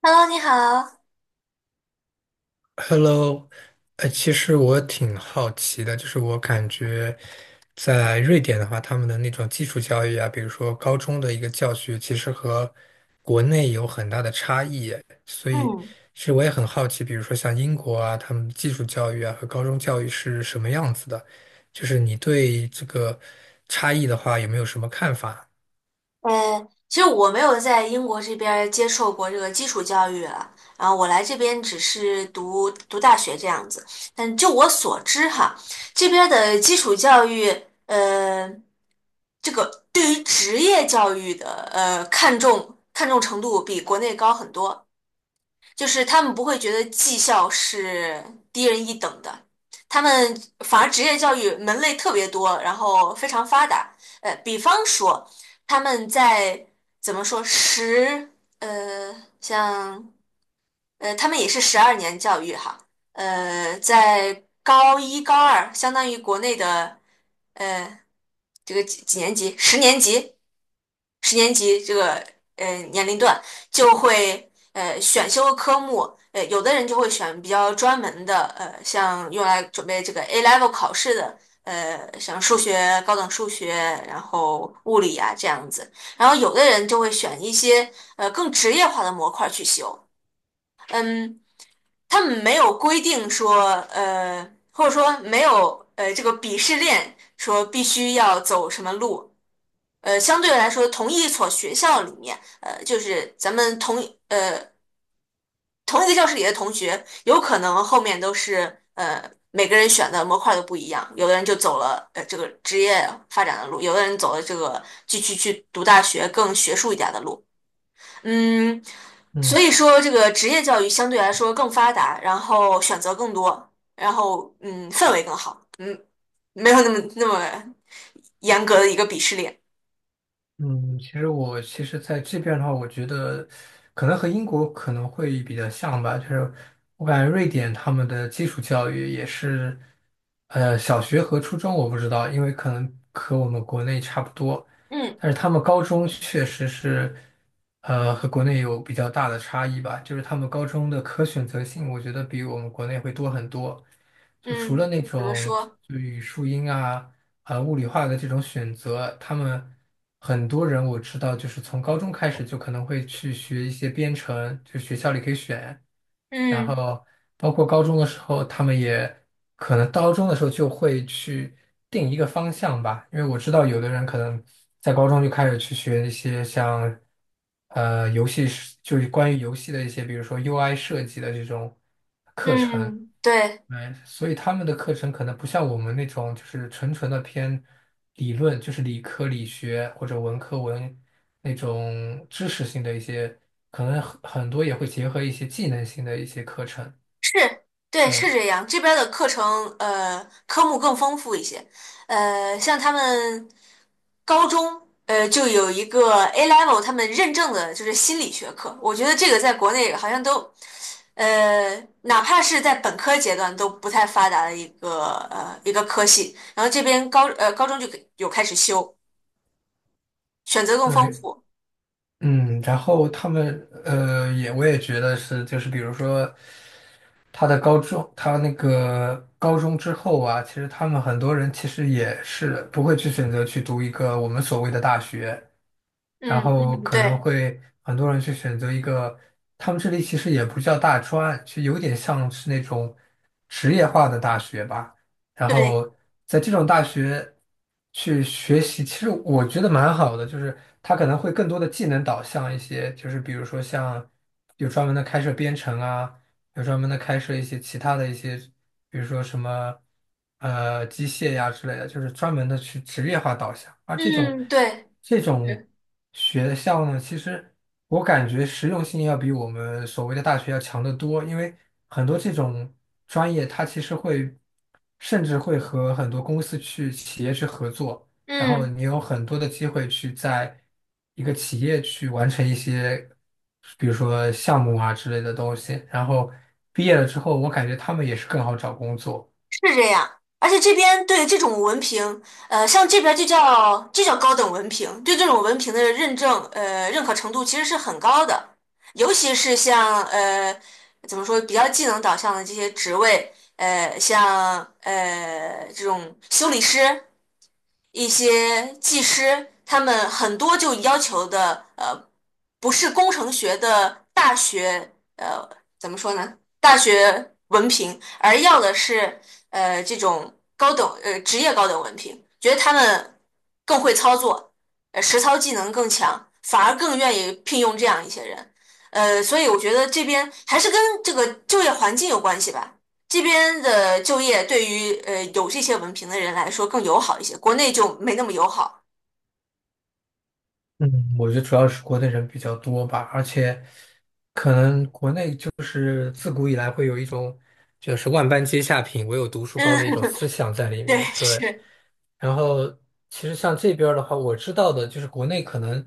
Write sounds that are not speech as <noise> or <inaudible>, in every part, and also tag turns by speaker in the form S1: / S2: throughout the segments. S1: Hello，你好。
S2: Hello，其实我挺好奇的，就是我感觉在瑞典的话，他们的那种基础教育啊，比如说高中的一个教学，其实和国内有很大的差异耶，所以
S1: 嗯，
S2: 其实我也很好奇，比如说像英国啊，他们的基础教育啊和高中教育是什么样子的，就是你对这个差异的话，有没有什么看法？
S1: 其实我没有在英国这边儿接受过这个基础教育了。然后我来这边只是读读大学这样子。但就我所知哈，这边儿的基础教育，呃，这个对于职业教育的看重程度比国内高很多。就是他们不会觉得技校是低人一等的，他们反而职业教育门类特别多，然后非常发达。比方说他们在怎么说十呃像呃他们也是十二年教育哈，呃在高一高二相当于国内的呃这个几几年级十年级十年级这个年龄段就会选修科目，有的人就会选比较专门的，像用来准备这个 A level 考试的，像数学、高等数学，然后物理啊这样子，然后有的人就会选一些更职业化的模块去修，他们没有规定说或者说没有这个鄙视链说必须要走什么路。相对来说，同一所学校里面，就是咱们同一个教室里的同学，有可能后面都是每个人选的模块都不一样，有的人就走了这个职业发展的路，有的人走了这个继续去读大学更学术一点的路，嗯，所
S2: 嗯。
S1: 以说这个职业教育相对来说更发达，然后选择更多，然后嗯氛围更好，没有那么严格的一个鄙视链，
S2: 嗯，其实我在这边的话，我觉得可能和英国可能会比较像吧，就是我感觉瑞典他们的基础教育也是，小学和初中我不知道，因为可能和我们国内差不多，
S1: 嗯
S2: 但是他们高中确实是，和国内有比较大的差异吧，就是他们高中的可选择性，我觉得比我们国内会多很多，就除了
S1: 嗯，
S2: 那
S1: 怎么
S2: 种
S1: 说？
S2: 就语数英啊。物理化的这种选择，他们很多人我知道，就是从高中开始就可能会去学一些编程，就学校里可以选，然
S1: 嗯。
S2: 后包括高中的时候，他们也可能高中的时候就会去定一个方向吧，因为我知道有的人可能在高中就开始去学一些像呃游戏是就是关于游戏的一些，比如说 UI 设计的这种课程。
S1: 嗯，对，
S2: 哎，所以他们的课程可能不像我们那种，就是纯纯的偏理论，就是理科理学或者文科文那种知识性的一些，可能很多也会结合一些技能性的一些课程。
S1: 是，对，是
S2: 对
S1: 这样。这边儿的课程，科目更丰富一些。像他们高中，就有一个 A level，他们认证的就是心理学课。我觉得这个在国内好像都，呃，哪怕是在本科阶段都不太发达的一个科系。然后这边高中就给有开始修，选择更丰
S2: 对，
S1: 富。
S2: 嗯，然后他们也觉得是，就是比如说他的高中，他那个高中之后啊，其实他们很多人其实也是不会去选择去读一个我们所谓的大学。然
S1: 嗯
S2: 后
S1: 嗯，
S2: 可能
S1: 对
S2: 会很多人去选择一个，他们这里其实也不叫大专，就有点像是那种职业化的大学吧。然后
S1: 对，
S2: 在这种大学去学习，其实我觉得蛮好的，就是它可能会更多的技能导向一些，就是比如说像有专门的开设编程啊，有专门的开设一些其他的一些。比如说什么机械呀之类的，就是专门的去职业化导向。而这种
S1: 嗯对。
S2: 这种
S1: 是
S2: 学校呢，其实我感觉实用性要比我们所谓的大学要强得多，因为很多这种专业它其实会甚至会和很多公司去企业去合作。然后
S1: 嗯。
S2: 你有很多的机会去在一个企业去完成一些，比如说项目啊之类的东西。然后毕业了之后，我感觉他们也是更好找工作。
S1: 是这样，而且这边对这种文凭，像这边就叫高等文凭，对这种文凭的认证，认可程度其实是很高的，尤其是像怎么说比较技能导向的这些职位，呃，像这种修理师，一些技师，他们很多就要求的，不是工程学的大学，怎么说呢？大学文凭，而要的是，这种高等，职业高等文凭，觉得他们更会操作，实操技能更强，反而更愿意聘用这样一些人。所以我觉得这边还是跟这个就业环境有关系吧。这边的就业对于有这些文凭的人来说更友好一些，国内就没那么友好。
S2: 嗯，我觉得主要是国内人比较多吧，而且都是自古以来会有一种就是万般皆下品，唯有读书高
S1: 嗯，
S2: 的一种思想在里
S1: <laughs> 对，
S2: 面。对。
S1: 是，
S2: 然后其实像这边儿的话，我知道的就是国内可能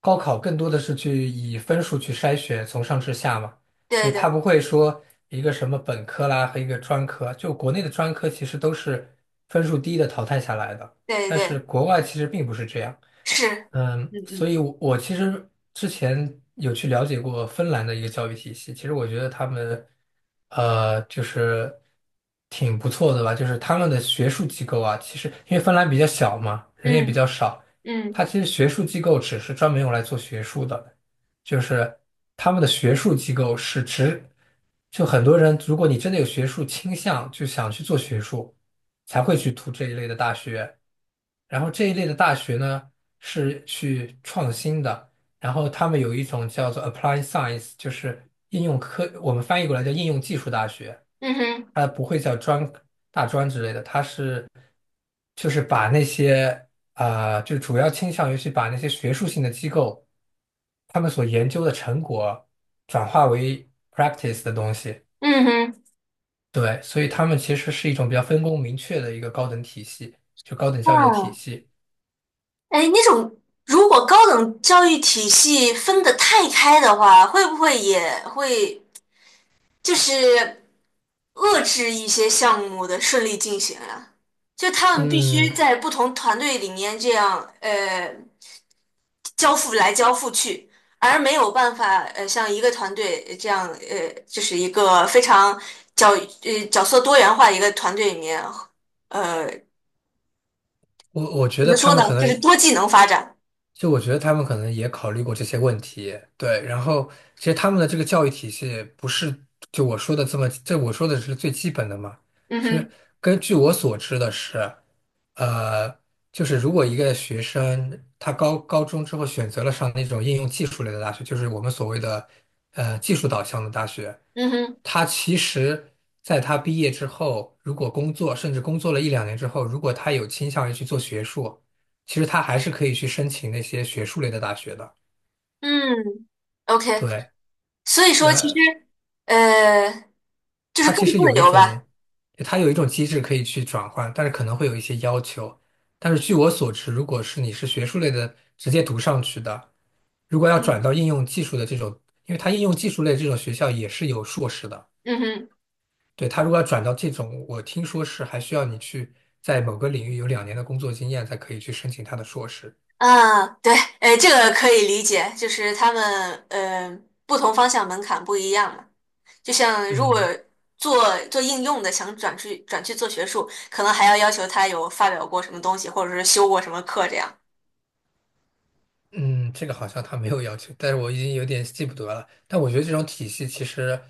S2: 高考更多的是去以分数去筛选，从上至下嘛，所
S1: 对
S2: 以他
S1: 对
S2: 不会说一个什么本科啦和一个专科，就国内的专科其实都是分数低的淘汰下来的，
S1: 对
S2: 但是
S1: 对，
S2: 国外其实并不是这样。
S1: 是，
S2: 嗯，所
S1: 嗯
S2: 以我，我其实之前有去了解过芬兰的一个教育体系，其实我觉得他们，就是挺不错的吧。就是他们的学术机构啊，其实因为芬兰比较小嘛，人也比
S1: 嗯
S2: 较少，
S1: 嗯
S2: 它
S1: 嗯
S2: 其实学术机构只是专门用来做学术的，就是他们的学术机构是指，就很多人，如果你真的有学术倾向，就想去做学术，才会去读这一类的大学。然后这一类的大学呢是去创新的，然后他们有一种叫做 Applied Science，就是应用科，我们翻译过来叫应用技术大学，
S1: 嗯哼
S2: 它不会叫专大专之类的，它是就是把那些就主要倾向于去把那些学术性的机构他们所研究的成果转化为 practice 的东西，
S1: 嗯哼，
S2: 对，所以他们其实是一种比较分工明确的一个高等体系，就高等教育的体
S1: 哦，
S2: 系。
S1: 哎，那种如果高等教育体系分得太开的话，会不会也会就是遏制一些项目的顺利进行啊？就他们必须
S2: 嗯，
S1: 在不同团队里面这样，交付来交付去，而没有办法像一个团队这样就是一个非常角角色多元化的一个团队里面，呃，
S2: 我觉
S1: 怎
S2: 得
S1: 么
S2: 他
S1: 说
S2: 们可
S1: 呢，就
S2: 能，
S1: 是多技能发展。
S2: 就我觉得他们可能也考虑过这些问题，对。然后，其实他们的这个教育体系不是就我说的这么，这我说的是最基本的嘛。
S1: 嗯
S2: 其实
S1: 哼，
S2: 根据我所知的是，呃，就是如果一个学生他高中之后选择了上那种应用技术类的大学，就是我们所谓的技术导向的大学，
S1: 嗯哼，
S2: 他其实在他毕业之后，如果工作，甚至工作了一两年之后，如果他有倾向于去做学术。其实他还是可以去申请那些学术类的大学的。
S1: 嗯，OK，
S2: 对，
S1: 所以说其实呃就是
S2: 他
S1: 更
S2: 其
S1: 自
S2: 实有一
S1: 由吧。
S2: 种，他有一种机制可以去转换，但是可能会有一些要求。但是据我所知，如果是你是学术类的直接读上去的，如果要转
S1: 嗯
S2: 到应用技术的这种，因为它应用技术类这种学校也是有硕士的。
S1: 嗯哼。
S2: 对，他如果要转到这种，我听说是还需要你去在某个领域有两年的工作经验才可以去申请他的硕士。
S1: 啊，对，哎，这个可以理解，就是他们不同方向门槛不一样嘛。就像如果
S2: 嗯。
S1: 做应用的，想转去做学术，可能还要要求他有发表过什么东西，或者是修过什么课这样。
S2: 嗯，这个好像他没有要求，但是我已经有点记不得了。但我觉得这种体系其实，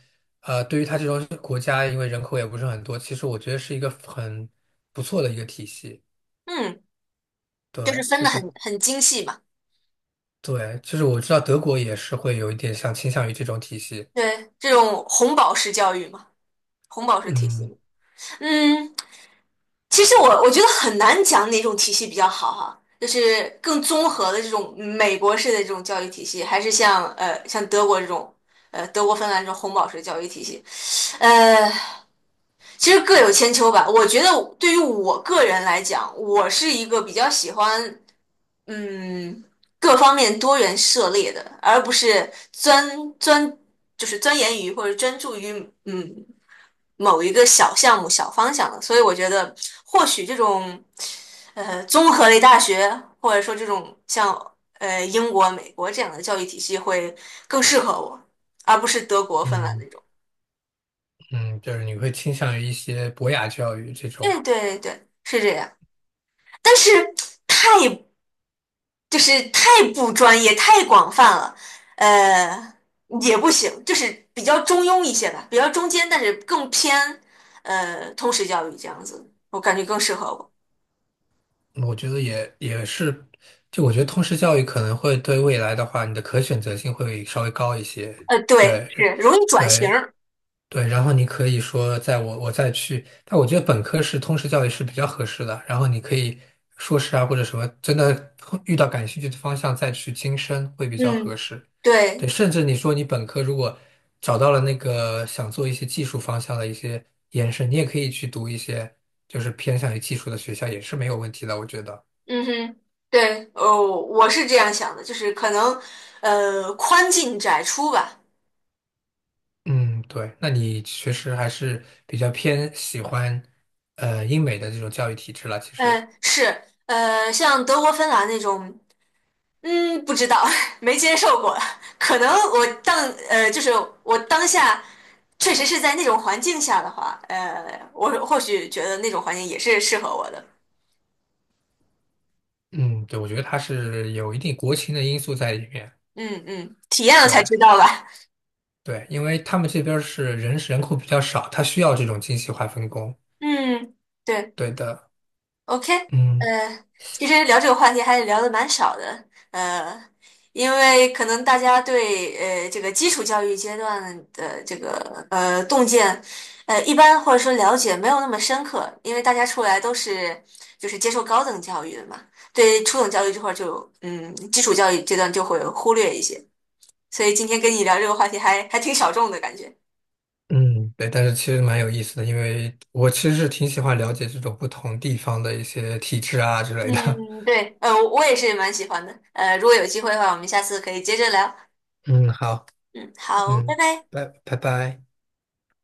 S2: 对于他这种国家，因为人口也不是很多，其实我觉得是一个很不错的一个体系。
S1: 嗯，就是
S2: 对，
S1: 分
S2: 就
S1: 的很
S2: 是
S1: 很精细嘛。
S2: 对，就是我知道德国也是会有一点像倾向于这种体系。
S1: 对，这种红宝石教育嘛，红宝石体系
S2: 嗯
S1: 嘛嗯，其实我觉得很难讲哪种体系比较好哈。就是更综合的这种美国式的这种教育体系，还是像德国这种德国芬兰这种红宝石教育体系，呃。其实各有千秋吧。我觉得对于我个人来讲，我是一个比较喜欢嗯各方面多元涉猎的，而不是钻就是钻研于或者专注于嗯某一个小项目、小方向的。所以我觉得，或许这种综合类大学，或者说这种像英国、美国这样的教育体系会更适合我，而不是德国、芬兰那
S2: 嗯
S1: 种。
S2: 嗯，就是你会倾向于一些博雅教育这种，
S1: 对对对，是这样。但是太就是太不专业、太广泛了，呃，也不行，就是比较中庸一些吧，比较中间，但是更偏通识教育这样子，我感觉更适合我。
S2: 嗯，我觉得也也是，就我觉得通识教育可能会对未来的话，你的可选择性会稍微高一些。
S1: 呃，对，
S2: 对。
S1: 是容易转型
S2: 对，
S1: 儿。
S2: 对，然后你可以说，在我我再去，但我觉得本科是通识教育是比较合适的。然后你可以硕士啊或者什么，真的遇到感兴趣的方向再去精深会比较合
S1: 嗯，
S2: 适。对，
S1: 对，
S2: 甚至你说你本科如果找到了那个想做一些技术方向的一些延伸，你也可以去读一些就是偏向于技术的学校也是没有问题的，我觉得。
S1: 嗯哼，对，哦，我是这样想的，就是可能宽进窄出吧。
S2: 嗯，对，那你确实还是比较偏喜欢英美的这种教育体制了，其实。
S1: 嗯，是，像德国、芬兰那种。嗯，不知道，<laughs> 没接受过。可能我当呃，就是我当下确实是在那种环境下的话，我或许觉得那种环境也是适合我的。
S2: 嗯，对，我觉得它是有一定国情的因素在里面。
S1: 嗯嗯，体验了才
S2: 对
S1: 知道吧。
S2: 对，因为他们这边儿是人口比较少，它需要这种精细化分工。
S1: 嗯，对。
S2: 对的，
S1: OK，
S2: 嗯
S1: 呃，其实聊这个话题还是聊的蛮少的，呃，因为可能大家对这个基础教育阶段的这个洞见，一般或者说了解没有那么深刻，因为大家出来都是就是接受高等教育的嘛，对初等教育这块儿就嗯基础教育阶段就会忽略一些，所以今天跟你聊这个话题还挺小众的感觉。
S2: 嗯，对，但是其实蛮有意思的，因为我其实是挺喜欢了解这种不同地方的一些体制啊之类的。
S1: 嗯，对，我也是蛮喜欢的，如果有机会的话，我们下次可以接着聊。
S2: <laughs> 嗯，好，
S1: 嗯，好，拜
S2: 嗯，
S1: 拜。
S2: 拜拜。